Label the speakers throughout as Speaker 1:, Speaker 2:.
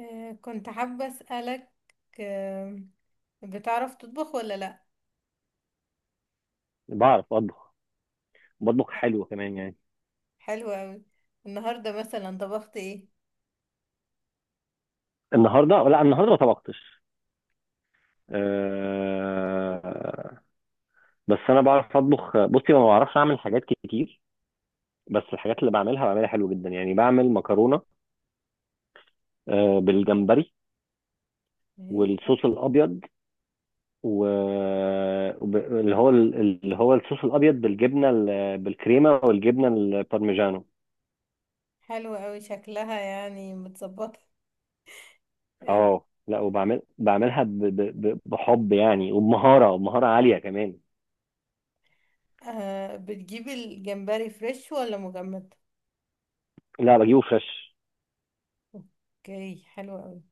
Speaker 1: آه، كنت حابة أسألك. آه، بتعرف تطبخ ولا لأ؟
Speaker 2: بعرف اطبخ. بطبخ حلو كمان يعني.
Speaker 1: حلو أوي. النهاردة مثلا طبخت ايه؟
Speaker 2: لا، النهارده ما طبختش. أه... بس انا بعرف اطبخ. بصي، ما بعرفش اعمل حاجات كتير. بس الحاجات اللي بعملها بعملها حلو جدا. يعني بعمل مكرونه أه بالجمبري
Speaker 1: ايه،
Speaker 2: والصوص الابيض و اللي هو الصوص الابيض بالجبنه، بالكريمه والجبنه البارميجانو.
Speaker 1: حلو أوي شكلها، يعني متظبطة. آه،
Speaker 2: اه لا، وبعمل بعملها ب... ب... ب- بحب يعني، وبمهاره عاليه كمان.
Speaker 1: بتجيب الجمبري فريش ولا مجمد؟
Speaker 2: لا، بجيبه فريش.
Speaker 1: اوكي، حلو قوي.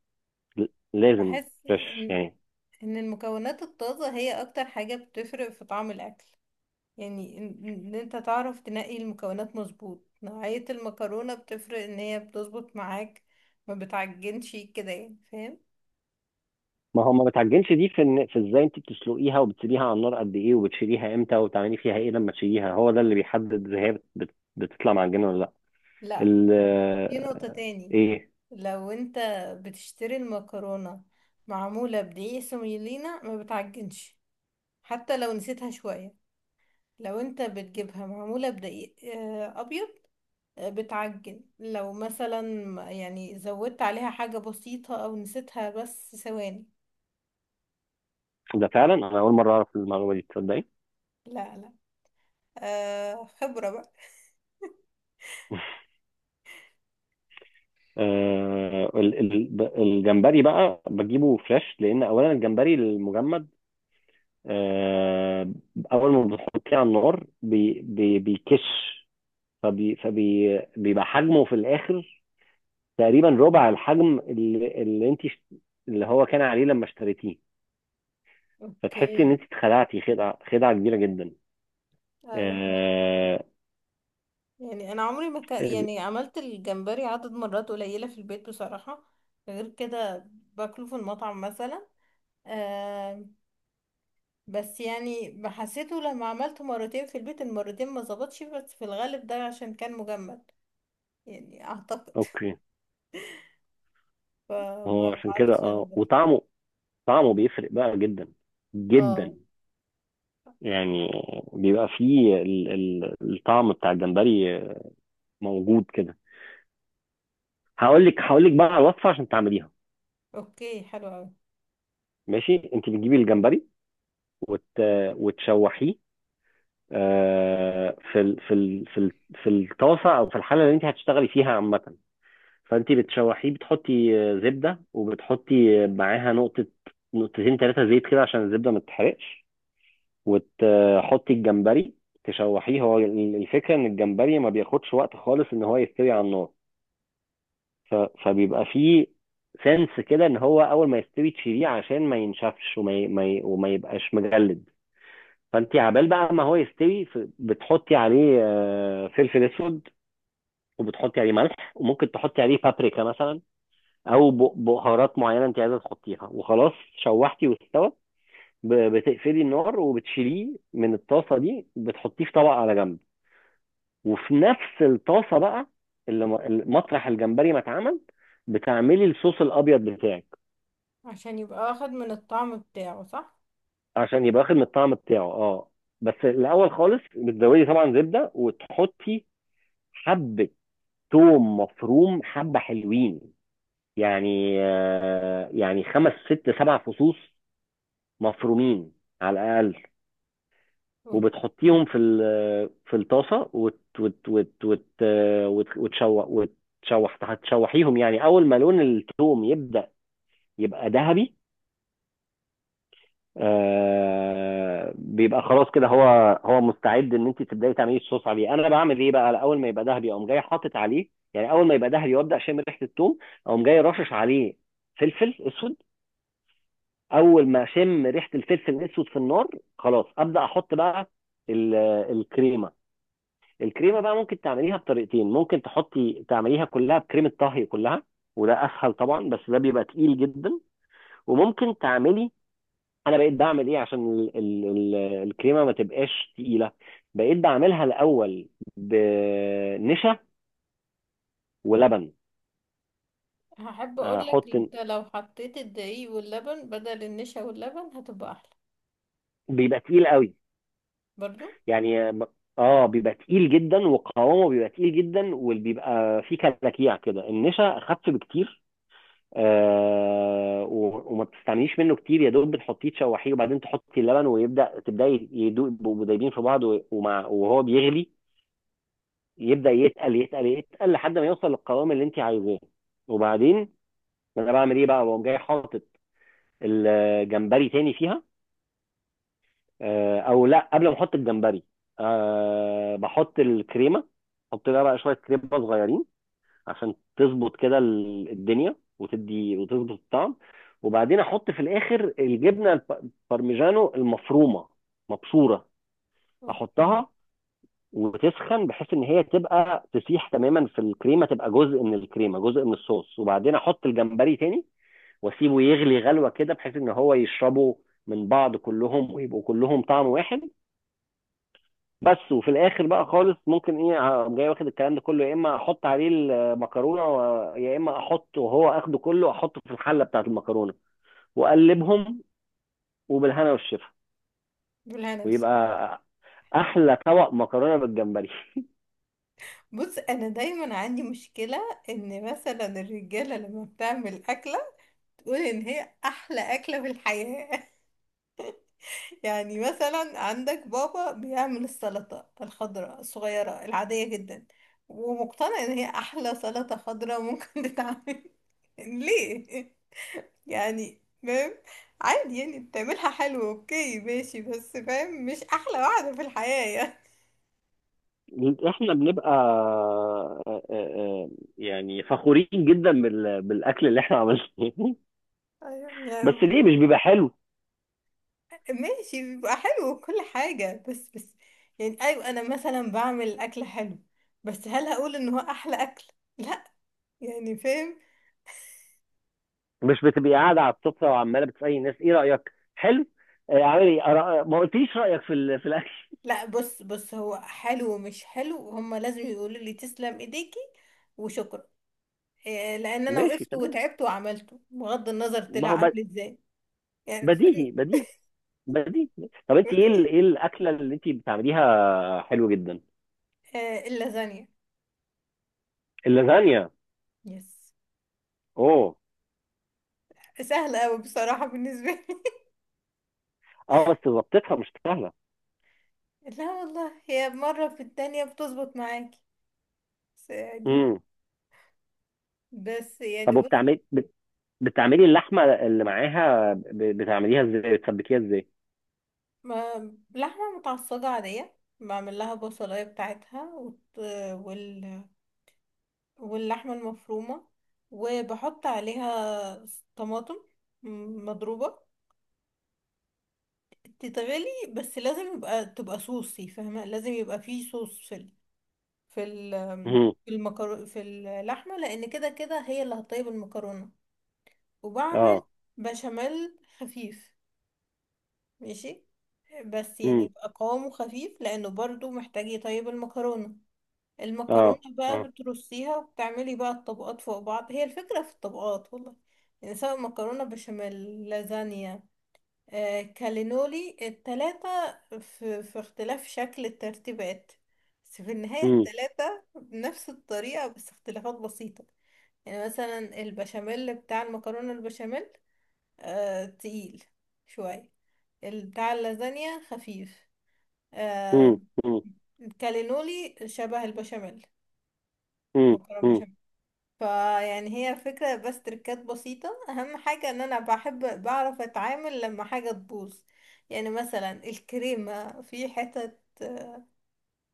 Speaker 2: لازم
Speaker 1: بحس
Speaker 2: فريش
Speaker 1: إن
Speaker 2: يعني.
Speaker 1: إن المكونات الطازة هي أكتر حاجة بتفرق في طعم الأكل. يعني ان انت تعرف تنقي المكونات مظبوط، نوعية المكرونة بتفرق، ان هي بتظبط معاك، ما بتعجنش كده، يعني فاهم؟
Speaker 2: ما هو ما بتعجنش دي في ازاي انت بتسلقيها وبتسيبيها على النار قد ايه، وبتشيليها امتى، وبتعملي فيها ايه لما تشيليها. هو ده اللي بيحدد اذا هي بتطلع معجنه ولا لا.
Speaker 1: لا،
Speaker 2: ال
Speaker 1: في نقطة
Speaker 2: آه،
Speaker 1: تاني.
Speaker 2: ايه.
Speaker 1: لو انت بتشتري المكرونة معمولة بدقيق سوميلينا ما بتعجنش حتى لو نسيتها شوية. لو انت بتجيبها معمولة بدقيق ابيض، بتعجن لو مثلا يعني زودت عليها حاجة بسيطة او نسيتها بس ثواني.
Speaker 2: ده فعلا انا اول مره اعرف المعلومه دي، تصدقي؟
Speaker 1: لا، آه، خبرة بقى.
Speaker 2: الجمبري بقى بجيبه فريش، لان اولا الجمبري المجمد آه، اول ما بتحطيه على النار بي بي بيكش. فبي فبي بيبقى حجمه في الاخر تقريبا ربع الحجم اللي انت اللي هو كان عليه لما اشتريتيه. فتحسي
Speaker 1: اوكي.
Speaker 2: ان انت اتخدعتي خدعه كبيره جدا.
Speaker 1: آه،
Speaker 2: آه...
Speaker 1: يعني انا عمري ما
Speaker 2: ال...
Speaker 1: يعني عملت الجمبري عدد مرات قليله في البيت بصراحه. غير كده باكله في المطعم مثلا. آه. بس يعني حسيته لما عملته مرتين في البيت المرتين ما ظبطش، بس في الغالب ده عشان كان مجمد يعني اعتقد
Speaker 2: اوكي،
Speaker 1: فما
Speaker 2: هو عشان كده
Speaker 1: عرفتش
Speaker 2: اه.
Speaker 1: اظبطه.
Speaker 2: وطعمه طعمه بيفرق بقى جدا
Speaker 1: اه.
Speaker 2: جدا يعني. بيبقى فيه الطعم بتاع الجمبري موجود كده. هقول لك بقى على الوصفه عشان تعمليها.
Speaker 1: اوكي، حلو قوي.
Speaker 2: ماشي، انت بتجيبي الجمبري وت... وتشوحيه آه، في ال في الطاسه او في الحله اللي انت هتشتغلي فيها عامه. فانت بتشوحيه. بتحطي آه، زبده وبتحطي آه، معاها نقطه نقطتين ثلاثه زيت كده عشان الزبده ما تتحرقش. وتحطي الجمبري، تشوحيه. هو الفكره ان الجمبري ما بياخدش وقت خالص ان هو يستوي على النار. ف- فبيبقى فيه سنس كده ان هو اول ما يستوي تشيليه، عشان ما ينشفش وما ي- ما ي- وما يبقاش مجلد. فانت عبال بقى ما هو يستوي، بتحطي عليه آه، فلفل اسود وبتحطي عليه ملح وممكن تحطي عليه بابريكا مثلا، او بهارات معينه انت عايزه تحطيها وخلاص. شوحتي واستوى، بتقفلي النار وبتشيليه من الطاسه دي. بتحطيه في طبق على جنب. وفي نفس الطاسه بقى، اللي مطرح الجمبري ما اتعمل، بتعملي الصوص الابيض بتاعك
Speaker 1: عشان يبقى واخد من الطعم بتاعه صح.
Speaker 2: عشان يبقى واخد من الطعم بتاعه اه. بس الاول خالص بتزودي طبعا زبده وتحطي حبه توم مفروم، حبة حلوين، يعني آه، يعني 5 6 7 فصوص مفرومين على الأقل. وبتحطيهم
Speaker 1: اوكي.
Speaker 2: في في الطاسة وت وت وت وت آه، وتشوح. هتشوحيهم يعني أول ما لون التوم يبدأ يبقى ذهبي آه، بيبقى خلاص كده. هو هو مستعد ان انت تبداي تعملي الصوص عليه. انا بعمل ايه بقى؟ اول ما يبقى دهبي اقوم جاي حاطط عليه. يعني اول ما يبقى دهبي وابدا اشم ريحه الثوم، اقوم جاي رشش عليه فلفل اسود. اول ما اشم ريحه الفلفل الاسود في النار، خلاص ابدا احط بقى ال- الكريمه. الكريمه بقى ممكن تعمليها بطريقتين. ممكن تحطي تعمليها كلها بكريمه طهي كلها، وده اسهل طبعا، بس ده بيبقى تقيل جدا. وممكن تعملي، انا بقيت بعمل ايه عشان ال ال ال الكريمه ما تبقاش تقيله، بقيت بعملها الاول بنشا ولبن.
Speaker 1: هحب اقول لك،
Speaker 2: احط،
Speaker 1: انت لو حطيت الدقيق واللبن بدل النشا واللبن هتبقى احلى.
Speaker 2: بيبقى تقيل قوي
Speaker 1: برضو.
Speaker 2: يعني. اه بيبقى تقيل جدا وقوامه بيبقى تقيل جدا وبيبقى فيه كلاكيع كده. النشا اخف بكتير آه، وما بتستعمليش منه كتير، يا دوب بتحطيه تشوحيه. وبعدين تحطي اللبن ويبدا تبداي يدوب، يبقوا دايبين في بعض. ومع وهو بيغلي يبدا يتقل يتقل يتقل لحد ما يوصل للقوام اللي انت عايزاه. وبعدين، انا بعمل ايه بقى؟ بقوم جاي حاطط الجمبري تاني فيها آه، او لا، قبل ما احط الجمبري أه بحط الكريمه. احط لها بقى شويه كريمه صغيرين عشان تظبط كده الدنيا وتدي وتظبط الطعم. وبعدين احط في الاخر الجبنه البارميجانو المفرومه مبشوره.
Speaker 1: اوكي.
Speaker 2: احطها وتسخن، بحيث ان هي تبقى تسيح تماما في الكريمه، تبقى جزء من الكريمه جزء من الصوص. وبعدين احط الجمبري تاني واسيبه يغلي غلوه كده، بحيث ان هو يشربوا من بعض كلهم ويبقوا كلهم طعم واحد. بس وفي الاخر بقى خالص، ممكن ايه، أقوم جاي واخد الكلام ده كله، يا اما احط عليه المكرونه يا اما احط وهو اخده كله احطه في الحله بتاعه المكرونه واقلبهم. وبالهنا والشفا.
Speaker 1: بالهنا والشفا.
Speaker 2: ويبقى احلى طبق مكرونه بالجمبري.
Speaker 1: بص انا دايما عندي مشكله ان مثلا الرجاله لما بتعمل اكله تقول ان هي احلى اكله في الحياه. يعني مثلا عندك بابا بيعمل السلطه الخضراء الصغيره العاديه جدا ومقتنع ان هي احلى سلطه خضراء ممكن تتعمل. ليه يعني؟ فاهم؟ عادي يعني بتعملها حلو، اوكي ماشي، بس فاهم مش احلى واحدة في الحياة يعني.
Speaker 2: احنا بنبقى يعني فخورين جدا بالاكل اللي احنا عملناه.
Speaker 1: أيوة،
Speaker 2: بس
Speaker 1: يعني
Speaker 2: ليه مش بيبقى حلو؟
Speaker 1: ماشي، بيبقى حلو وكل حاجة، بس يعني ايوه انا مثلا بعمل اكل حلو، بس هل هقول ان هو احلى اكل؟ لا. يعني فاهم؟
Speaker 2: مش بتبقي قاعده على السفره وعماله بتسالي الناس ايه رايك، حلو؟ آه، عامل ايه؟ ما قلتليش رايك في في الاكل.
Speaker 1: لا بص، هو حلو ومش حلو، هما لازم يقولوا لي تسلم ايديكي وشكرا. إيه، لان انا
Speaker 2: ماشي،
Speaker 1: وقفت
Speaker 2: تمام.
Speaker 1: وتعبت وعملته بغض النظر
Speaker 2: ما
Speaker 1: طلع
Speaker 2: هو
Speaker 1: عامل ازاي. يعني فاهم؟
Speaker 2: بديهي بديهي بديهي. طب انت ايه
Speaker 1: ودي
Speaker 2: ايه الاكله اللي انت بتعمليها؟ حلو جدا.
Speaker 1: اللازانيا.
Speaker 2: اللازانيا.
Speaker 1: يس.
Speaker 2: اوه.
Speaker 1: سهلة أوي بصراحة بالنسبة لي.
Speaker 2: اه بس ظبطتها مش سهله.
Speaker 1: لا والله، هي مرة في التانية بتظبط معاكي. بس يعني،
Speaker 2: امم.
Speaker 1: بس يعني
Speaker 2: طب،
Speaker 1: بص.
Speaker 2: وبتعملي بتعملي اللحمه اللي معاها، بتعمليها ازاي، بتسبكيها ازاي؟
Speaker 1: ما لحمة متعصجة عادية، بعمل لها بصلاية بتاعتها وال... واللحمة المفرومة، وبحط عليها طماطم مضروبة تتغلي. بس لازم يبقى تبقى صوصي، فاهمة؟ لازم يبقى فيه صوص في ال... في ال...
Speaker 2: مم.
Speaker 1: في المكرو... في اللحمة، لأن كده كده هي اللي هتطيب المكرونة. وبعمل
Speaker 2: اه.
Speaker 1: بشاميل خفيف، ماشي، بس يعني
Speaker 2: مم.
Speaker 1: يبقى قوامه خفيف لانه برضو محتاج يطيب المكرونة. المكرونة
Speaker 2: اه
Speaker 1: بقى
Speaker 2: اه.
Speaker 1: بترصيها وبتعملي بقى الطبقات فوق بعض، هي الفكرة في الطبقات والله. يعني سواء مكرونة بشاميل، لازانيا، آه، كالينولي، التلاتة في اختلاف شكل الترتيبات، بس في النهاية
Speaker 2: مم.
Speaker 1: التلاتة بنفس الطريقة بس اختلافات بسيطة. يعني مثلا البشاميل بتاع المكرونة البشاميل آه تقيل شوية، بتاع اللازانيا خفيف آه،
Speaker 2: مم. مم.
Speaker 1: الكالينولي شبه البشاميل
Speaker 2: مم.
Speaker 1: مكرونة
Speaker 2: مم.
Speaker 1: بشاميل. فيعني هي الفكرة، بس تركات بسيطة. أهم حاجة إن أنا بحب بعرف أتعامل لما حاجة تبوظ. يعني مثلا الكريمة في حتت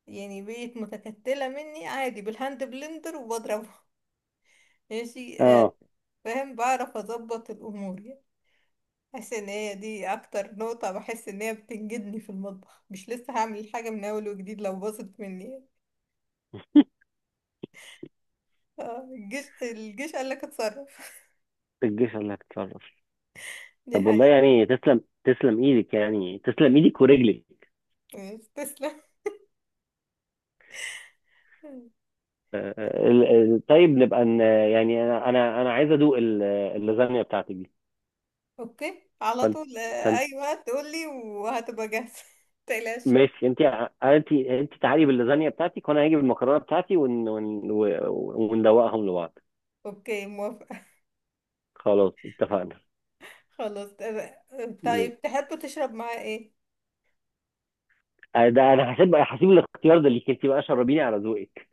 Speaker 1: يعني بقت متكتلة مني، عادي بالهاند بلندر وبضربها ماشي.
Speaker 2: اه.
Speaker 1: فاهم؟ بعرف أظبط الأمور. بحس ان هي دي اكتر نقطة بحس ان هي بتنجدني في المطبخ، مش لسه هعمل الحاجة من اول وجديد لو باظت مني. الجيش، قال لك اتصرف.
Speaker 2: الجيش اللي هتتصرف.
Speaker 1: دي
Speaker 2: طب والله
Speaker 1: حقيقة.
Speaker 2: يعني، تسلم ايدك، يعني تسلم ايدك ورجلك.
Speaker 1: مش تسلم.
Speaker 2: آه، آه، ال- طيب، نبقى يعني انا عايز ادوق اللازانيا بتاعتك دي.
Speaker 1: اوكي على
Speaker 2: فانت
Speaker 1: طول،
Speaker 2: فانت
Speaker 1: اي وقت تقولي وهتبقى جاهزة متقلقش.
Speaker 2: ماشي. انت تعالي باللازانيا بتاعتك وانا هاجي بالمكرونه بتاعتي، وندوقهم لبعض.
Speaker 1: اوكي، موافقة.
Speaker 2: خلاص، اتفقنا.
Speaker 1: خلاص طيب، تحب تشرب معاه ايه؟
Speaker 2: ده انا هسيب الاختيار ده ليك انت بقى، شربيني على ذوقك.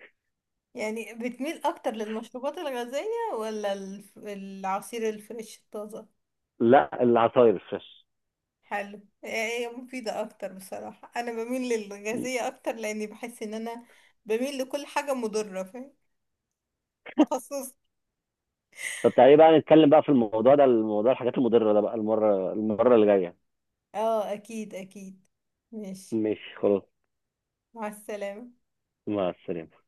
Speaker 1: يعني بتميل اكتر للمشروبات الغازية ولا العصير الفريش الطازة؟
Speaker 2: لا، العصاير الفريش.
Speaker 1: حلو، هي مفيدة أكتر. بصراحة أنا بميل للغازية أكتر، لأني بحس إن أنا بميل لكل حاجة مضرة، فاهم؟ تخصص.
Speaker 2: طب تعالي بقى نتكلم بقى في الموضوع ده، الموضوع الحاجات المضرة ده بقى المرة اللي جاية.
Speaker 1: اه، أكيد أكيد. ماشي،
Speaker 2: ماشي، خلاص.
Speaker 1: مع السلامة.
Speaker 2: مع السلامة.